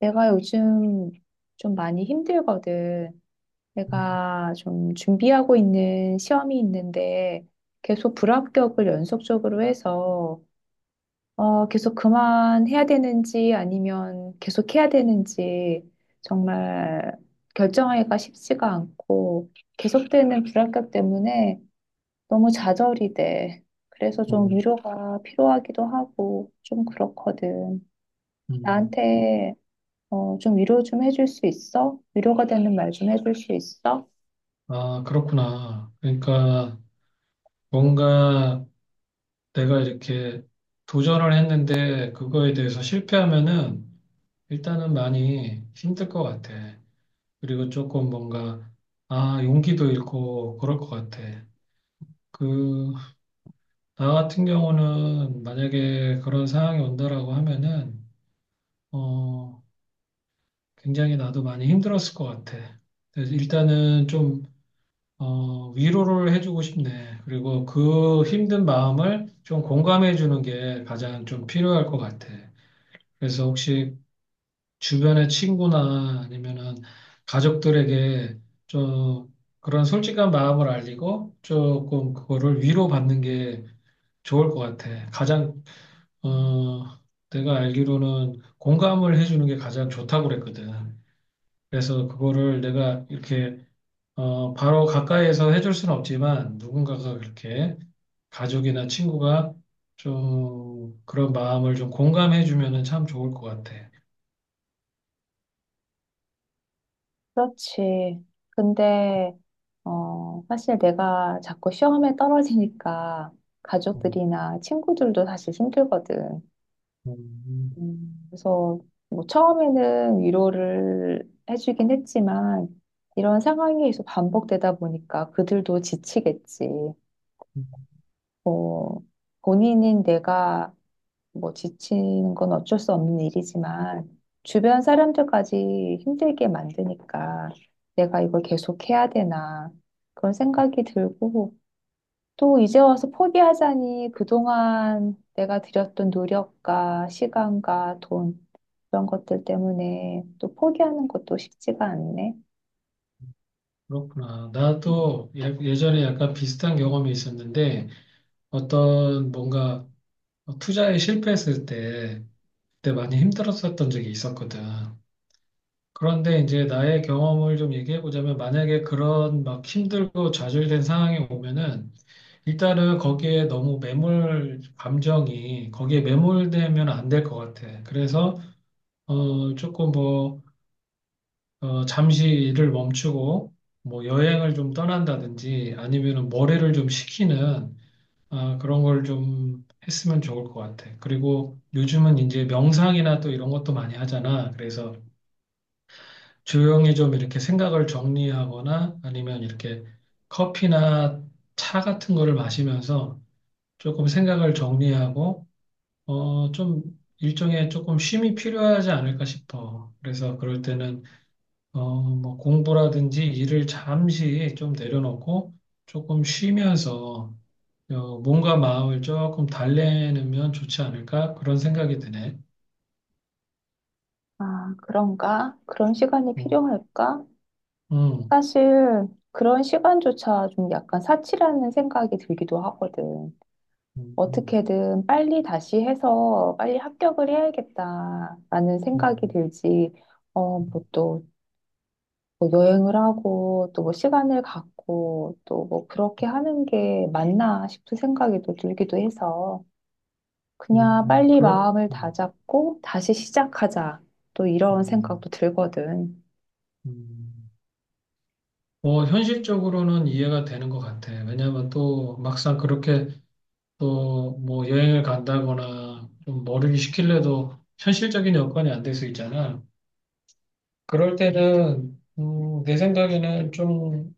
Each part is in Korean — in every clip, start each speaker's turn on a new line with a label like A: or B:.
A: 내가 요즘 좀 많이 힘들거든. 내가 좀 준비하고 있는 시험이 있는데 계속 불합격을 연속적으로 해서 계속 그만해야 되는지 아니면 계속 해야 되는지 정말 결정하기가 쉽지가 않고 계속되는 불합격 때문에 너무 좌절이 돼. 그래서 좀
B: 어,
A: 위로가 필요하기도 하고 좀 그렇거든.
B: 음.
A: 나한테 좀 위로 좀 해줄 수 있어? 위로가 되는 말 좀 해줄 수 있어?
B: 아, 그렇구나. 그러니까 뭔가 내가 이렇게 도전을 했는데 그거에 대해서 실패하면은 일단은 많이 힘들 것 같아. 그리고 조금 뭔가 아, 용기도 잃고 그럴 것 같아. 그, 나 같은 경우는 만약에 그런 상황이 온다라고 하면은 어, 굉장히 나도 많이 힘들었을 것 같아. 그래서 일단은 좀 위로를 해주고 싶네. 그리고 그 힘든 마음을 좀 공감해 주는 게 가장 좀 필요할 것 같아. 그래서 혹시 주변의 친구나 아니면은 가족들에게 좀 그런 솔직한 마음을 알리고 조금 그거를 위로받는 게 좋을 것 같아. 어, 내가 알기로는 공감을 해주는 게 가장 좋다고 그랬거든. 그래서 그거를 내가 이렇게 바로 가까이에서 해줄 수는 없지만 누군가가 그렇게 가족이나 친구가 좀 그런 마음을 좀 공감해 주면은 참 좋을 것 같아.
A: 그렇지. 근데, 사실 내가 자꾸 시험에 떨어지니까
B: 음,
A: 가족들이나 친구들도 사실 힘들거든.
B: 음, 음,
A: 그래서 뭐 처음에는 위로를 해주긴 했지만 이런 상황이 계속 반복되다 보니까 그들도 지치겠지.
B: 음.
A: 어, 본인인 내가 뭐 지치는 건 어쩔 수 없는 일이지만 주변 사람들까지 힘들게 만드니까 내가 이걸 계속 해야 되나 그런 생각이 들고 또 이제 와서 포기하자니 그동안 내가 들였던 노력과 시간과 돈 그런 것들 때문에 또 포기하는 것도 쉽지가 않네.
B: 그렇구나. 나도 예전에 약간 비슷한 경험이 있었는데 어떤 뭔가 투자에 실패했을 때 그때 많이 힘들었었던 적이 있었거든. 그런데 이제 나의 경험을 좀 얘기해 보자면 만약에 그런 막 힘들고 좌절된 상황이 오면은 일단은 거기에 너무 매몰 감정이 거기에 매몰되면 안 될 것 같아. 그래서 조금 뭐 잠시 일을 멈추고 뭐 여행을 좀 떠난다든지 아니면은 머리를 좀 식히는 그런 걸 좀 했으면 좋을 것 같아. 그리고 요즘은 이제 명상이나 또 이런 것도 많이 하잖아. 그래서 조용히 좀 이렇게 생각을 정리하거나 아니면 이렇게 커피나 차 같은 거를 마시면서 조금 생각을 정리하고 좀 일종의 조금 쉼이 필요하지 않을까 싶어. 그래서 그럴 때는 뭐 공부라든지 일을 잠시 좀 내려놓고 조금 쉬면서 몸과 마음을 조금 달래면 좋지 않을까? 그런 생각이 드네.
A: 아, 그런가? 그런 시간이
B: 음,
A: 필요할까?
B: 음,
A: 사실 그런 시간조차 좀 약간 사치라는 생각이 들기도 하거든.
B: 음, 음,
A: 어떻게든 빨리 다시 해서 빨리 합격을 해야겠다라는 생각이
B: 음,
A: 들지. 어,
B: 음,
A: 뭐또 뭐 여행을 하고 또 뭐 시간을 갖고 또 뭐 그렇게 하는 게 맞나 싶은 생각이 또 들기도 해서
B: 음,
A: 그냥
B: 음,
A: 빨리
B: 그럴,
A: 마음을
B: 음,
A: 다잡고 다시 시작하자. 또 이런
B: 음,
A: 생각도 들거든.
B: 음. 뭐 현실적으로는 이해가 되는 것 같아. 왜냐하면 또 막상 그렇게 또 뭐 여행을 간다거나 좀 머리를 식힐래도 현실적인 여건이 안 될 수 있잖아. 그럴 때는 내 생각에는 좀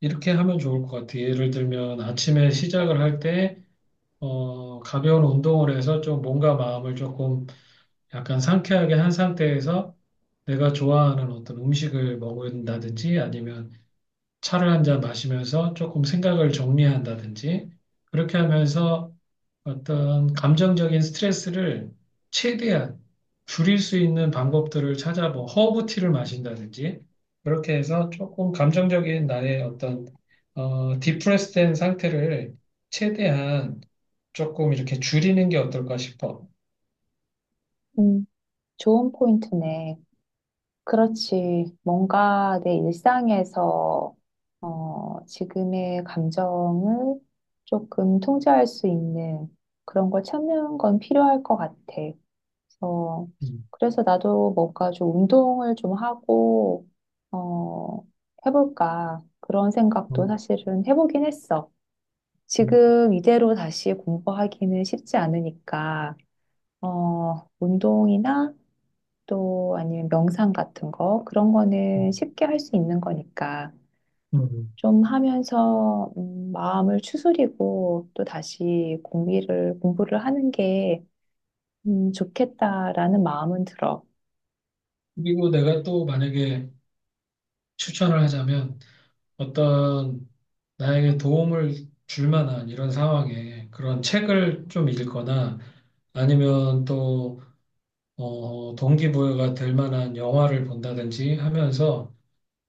B: 이렇게 하면 좋을 것 같아. 예를 들면 아침에 시작을 할 때, 가벼운 운동을 해서 좀 몸과 마음을 조금 약간 상쾌하게 한 상태에서 내가 좋아하는 어떤 음식을 먹는다든지 아니면 차를 한 잔 마시면서 조금 생각을 정리한다든지 그렇게 하면서 어떤 감정적인 스트레스를 최대한 줄일 수 있는 방법들을 찾아 뭐 허브티를 마신다든지 그렇게 해서 조금 감정적인 나의 어떤 디프레스된 상태를 최대한 조금 이렇게 줄이는 게 어떨까 싶어.
A: 음, 좋은 포인트네. 그렇지. 뭔가 내 일상에서, 지금의 감정을 조금 통제할 수 있는 그런 걸 찾는 건 필요할 것 같아. 그래서,
B: 음,
A: 그래서, 나도 뭔가 좀 운동을 좀 하고, 어, 해볼까. 그런 생각도
B: 음,
A: 사실은 해보긴 했어.
B: 음,
A: 지금 이대로 다시 공부하기는 쉽지 않으니까, 운동이나 또 아니면 명상 같은 거 그런
B: 음,
A: 거는 쉽게 할 수 있는 거니까
B: 음.
A: 좀 하면서 마음을 추스리고 또 다시 공부를 하는 게 좋겠다라는 마음은 들어.
B: 그리고 내가 또 만약에 추천을 하자면 어떤 나에게 도움을 줄 만한 이런 상황에 그런 책을 좀 읽거나 아니면 또, 동기부여가 될 만한 영화를 본다든지 하면서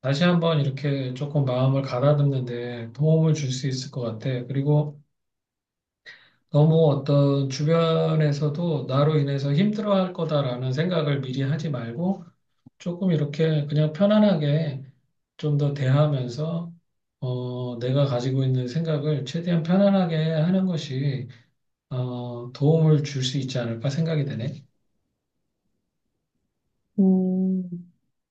B: 다시 한번 이렇게 조금 마음을 가다듬는데 도움을 줄 수 있을 것 같아. 그리고 너무 어떤 주변에서도 나로 인해서 힘들어할 거다라는 생각을 미리 하지 말고 조금 이렇게 그냥 편안하게 좀 더 대하면서 내가 가지고 있는 생각을 최대한 편안하게 하는 것이 도움을 줄 수 있지 않을까 생각이 되네.
A: 음,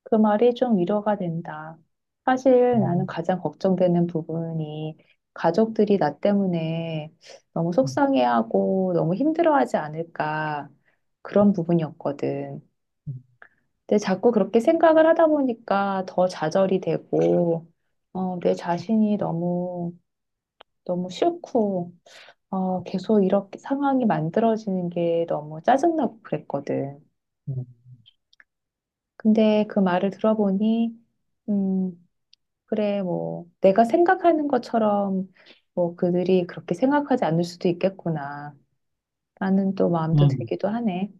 A: 그 말이 좀 위로가 된다. 사실 나는
B: 음,
A: 가장 걱정되는 부분이 가족들이 나 때문에 너무
B: 음,
A: 속상해하고 너무 힘들어하지 않을까 그런 부분이었거든. 근데 자꾸 그렇게 생각을 하다 보니까 더 좌절이 되고, 어, 내 자신이 너무, 너무 싫고, 계속 이렇게 상황이 만들어지는 게 너무 짜증나고 그랬거든.
B: 음.
A: 근데 그 말을 들어보니, 음, 그래, 뭐, 내가 생각하는 것처럼, 뭐, 그들이 그렇게 생각하지 않을 수도 있겠구나. 라는 또 마음도
B: 음,
A: 들기도 하네.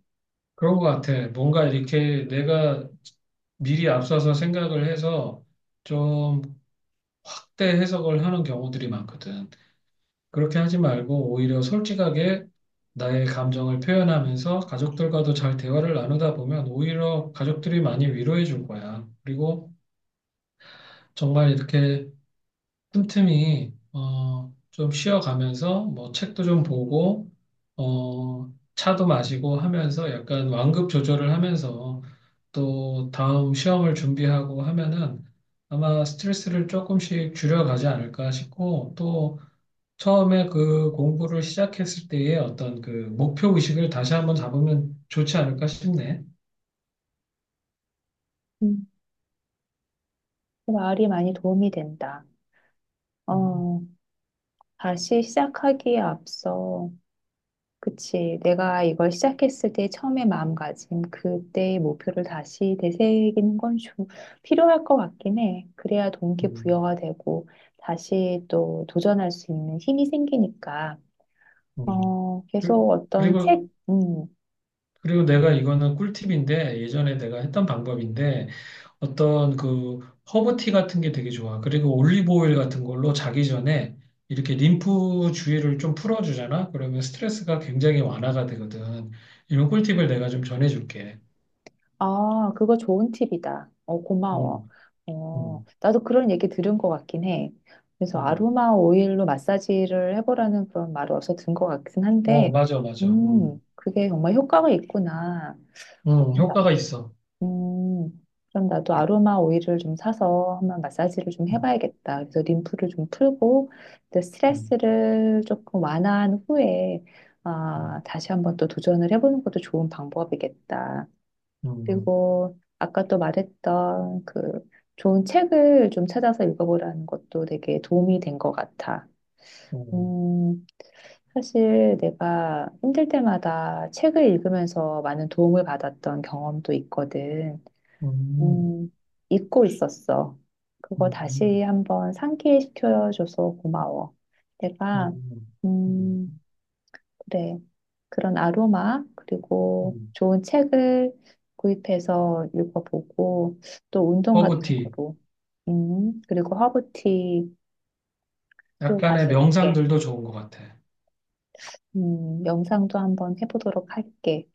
B: 그런 것 같아. 뭔가 이렇게 내가 미리 앞서서 생각을 해서 좀 확대 해석을 하는 경우들이 많거든. 그렇게 하지 말고 오히려 솔직하게 나의 감정을 표현하면서 가족들과도 잘 대화를 나누다 보면 오히려 가족들이 많이 위로해 줄 거야. 그리고 정말 이렇게 틈틈이 좀 쉬어가면서 뭐 책도 좀 보고 차도 마시고 하면서 약간 완급 조절을 하면서 또 다음 시험을 준비하고 하면은 아마 스트레스를 조금씩 줄여가지 않을까 싶고 또 처음에 그 공부를 시작했을 때의 어떤 그 목표 의식을 다시 한번 잡으면 좋지 않을까 싶네.
A: 음, 그 말이 많이 도움이 된다.
B: 음,
A: 어, 다시 시작하기에 앞서, 그치. 내가 이걸 시작했을 때 처음에 마음가짐, 그때의 목표를 다시 되새기는 건 좀 필요할 것 같긴 해. 그래야
B: 음,
A: 동기부여가 되고 다시 또 도전할 수 있는 힘이 생기니까.
B: 음.
A: 어,
B: 그,
A: 계속 어떤
B: 그리고
A: 책, 음,
B: 그리고 내가 이거는 꿀팁인데 예전에 내가 했던 방법인데 어떤 그 허브티 같은 게 되게 좋아. 그리고 올리브 오일 같은 걸로 자기 전에 이렇게 림프 주위를 좀 풀어주잖아. 그러면 스트레스가 굉장히 완화가 되거든. 이런 꿀팁을 내가 좀 전해줄게.
A: 아, 그거 좋은 팁이다. 어, 고마워.
B: 음,
A: 어,
B: 음,
A: 나도 그런 얘기 들은 것 같긴 해. 그래서
B: 음.
A: 아로마 오일로 마사지를 해보라는 그런 말을 어디서 든 것 같긴
B: 어,
A: 한데,
B: 맞아, 맞아.
A: 그게 정말 효과가 있구나.
B: 효과가
A: 그런가?
B: 있어.
A: 그럼 나도 아로마 오일을 좀 사서 한번 마사지를 좀
B: 음,
A: 해봐야겠다. 그래서 림프를 좀 풀고, 또
B: 음,
A: 스트레스를 조금 완화한 후에, 아,
B: 음,
A: 다시 한번 또 도전을 해보는 것도 좋은 방법이겠다.
B: 음,
A: 그리고 아까 또 말했던 그 좋은 책을 좀 찾아서 읽어보라는 것도 되게 도움이 된 것 같아.
B: 음,
A: 음, 사실 내가 힘들 때마다 책을 읽으면서 많은 도움을 받았던 경험도 있거든.
B: 음,
A: 음, 잊고 있었어. 그거
B: 음,
A: 다시
B: 음,
A: 한번 상기시켜줘서 고마워. 내가,
B: 음, 음.
A: 음, 그래. 그런 아로마, 그리고
B: 음.
A: 좋은 책을 구입해서 읽어보고, 또 운동 같은
B: 허브티.
A: 거로, 그리고 허브티 또
B: 약간의
A: 마셔볼게.
B: 명상들도 좋은 것 같아.
A: 영상도 한번 해보도록 할게.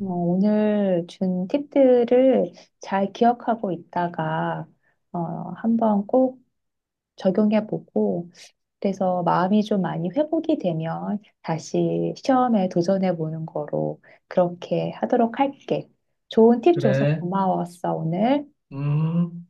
A: 어, 오늘 준 팁들을 잘 기억하고 있다가, 어, 한번 꼭 적용해보고 그래서 마음이 좀 많이 회복이 되면 다시 시험에 도전해보는 거로 그렇게 하도록 할게. 좋은 팁 줘서
B: 그래.
A: 고마웠어, 오늘.
B: 음.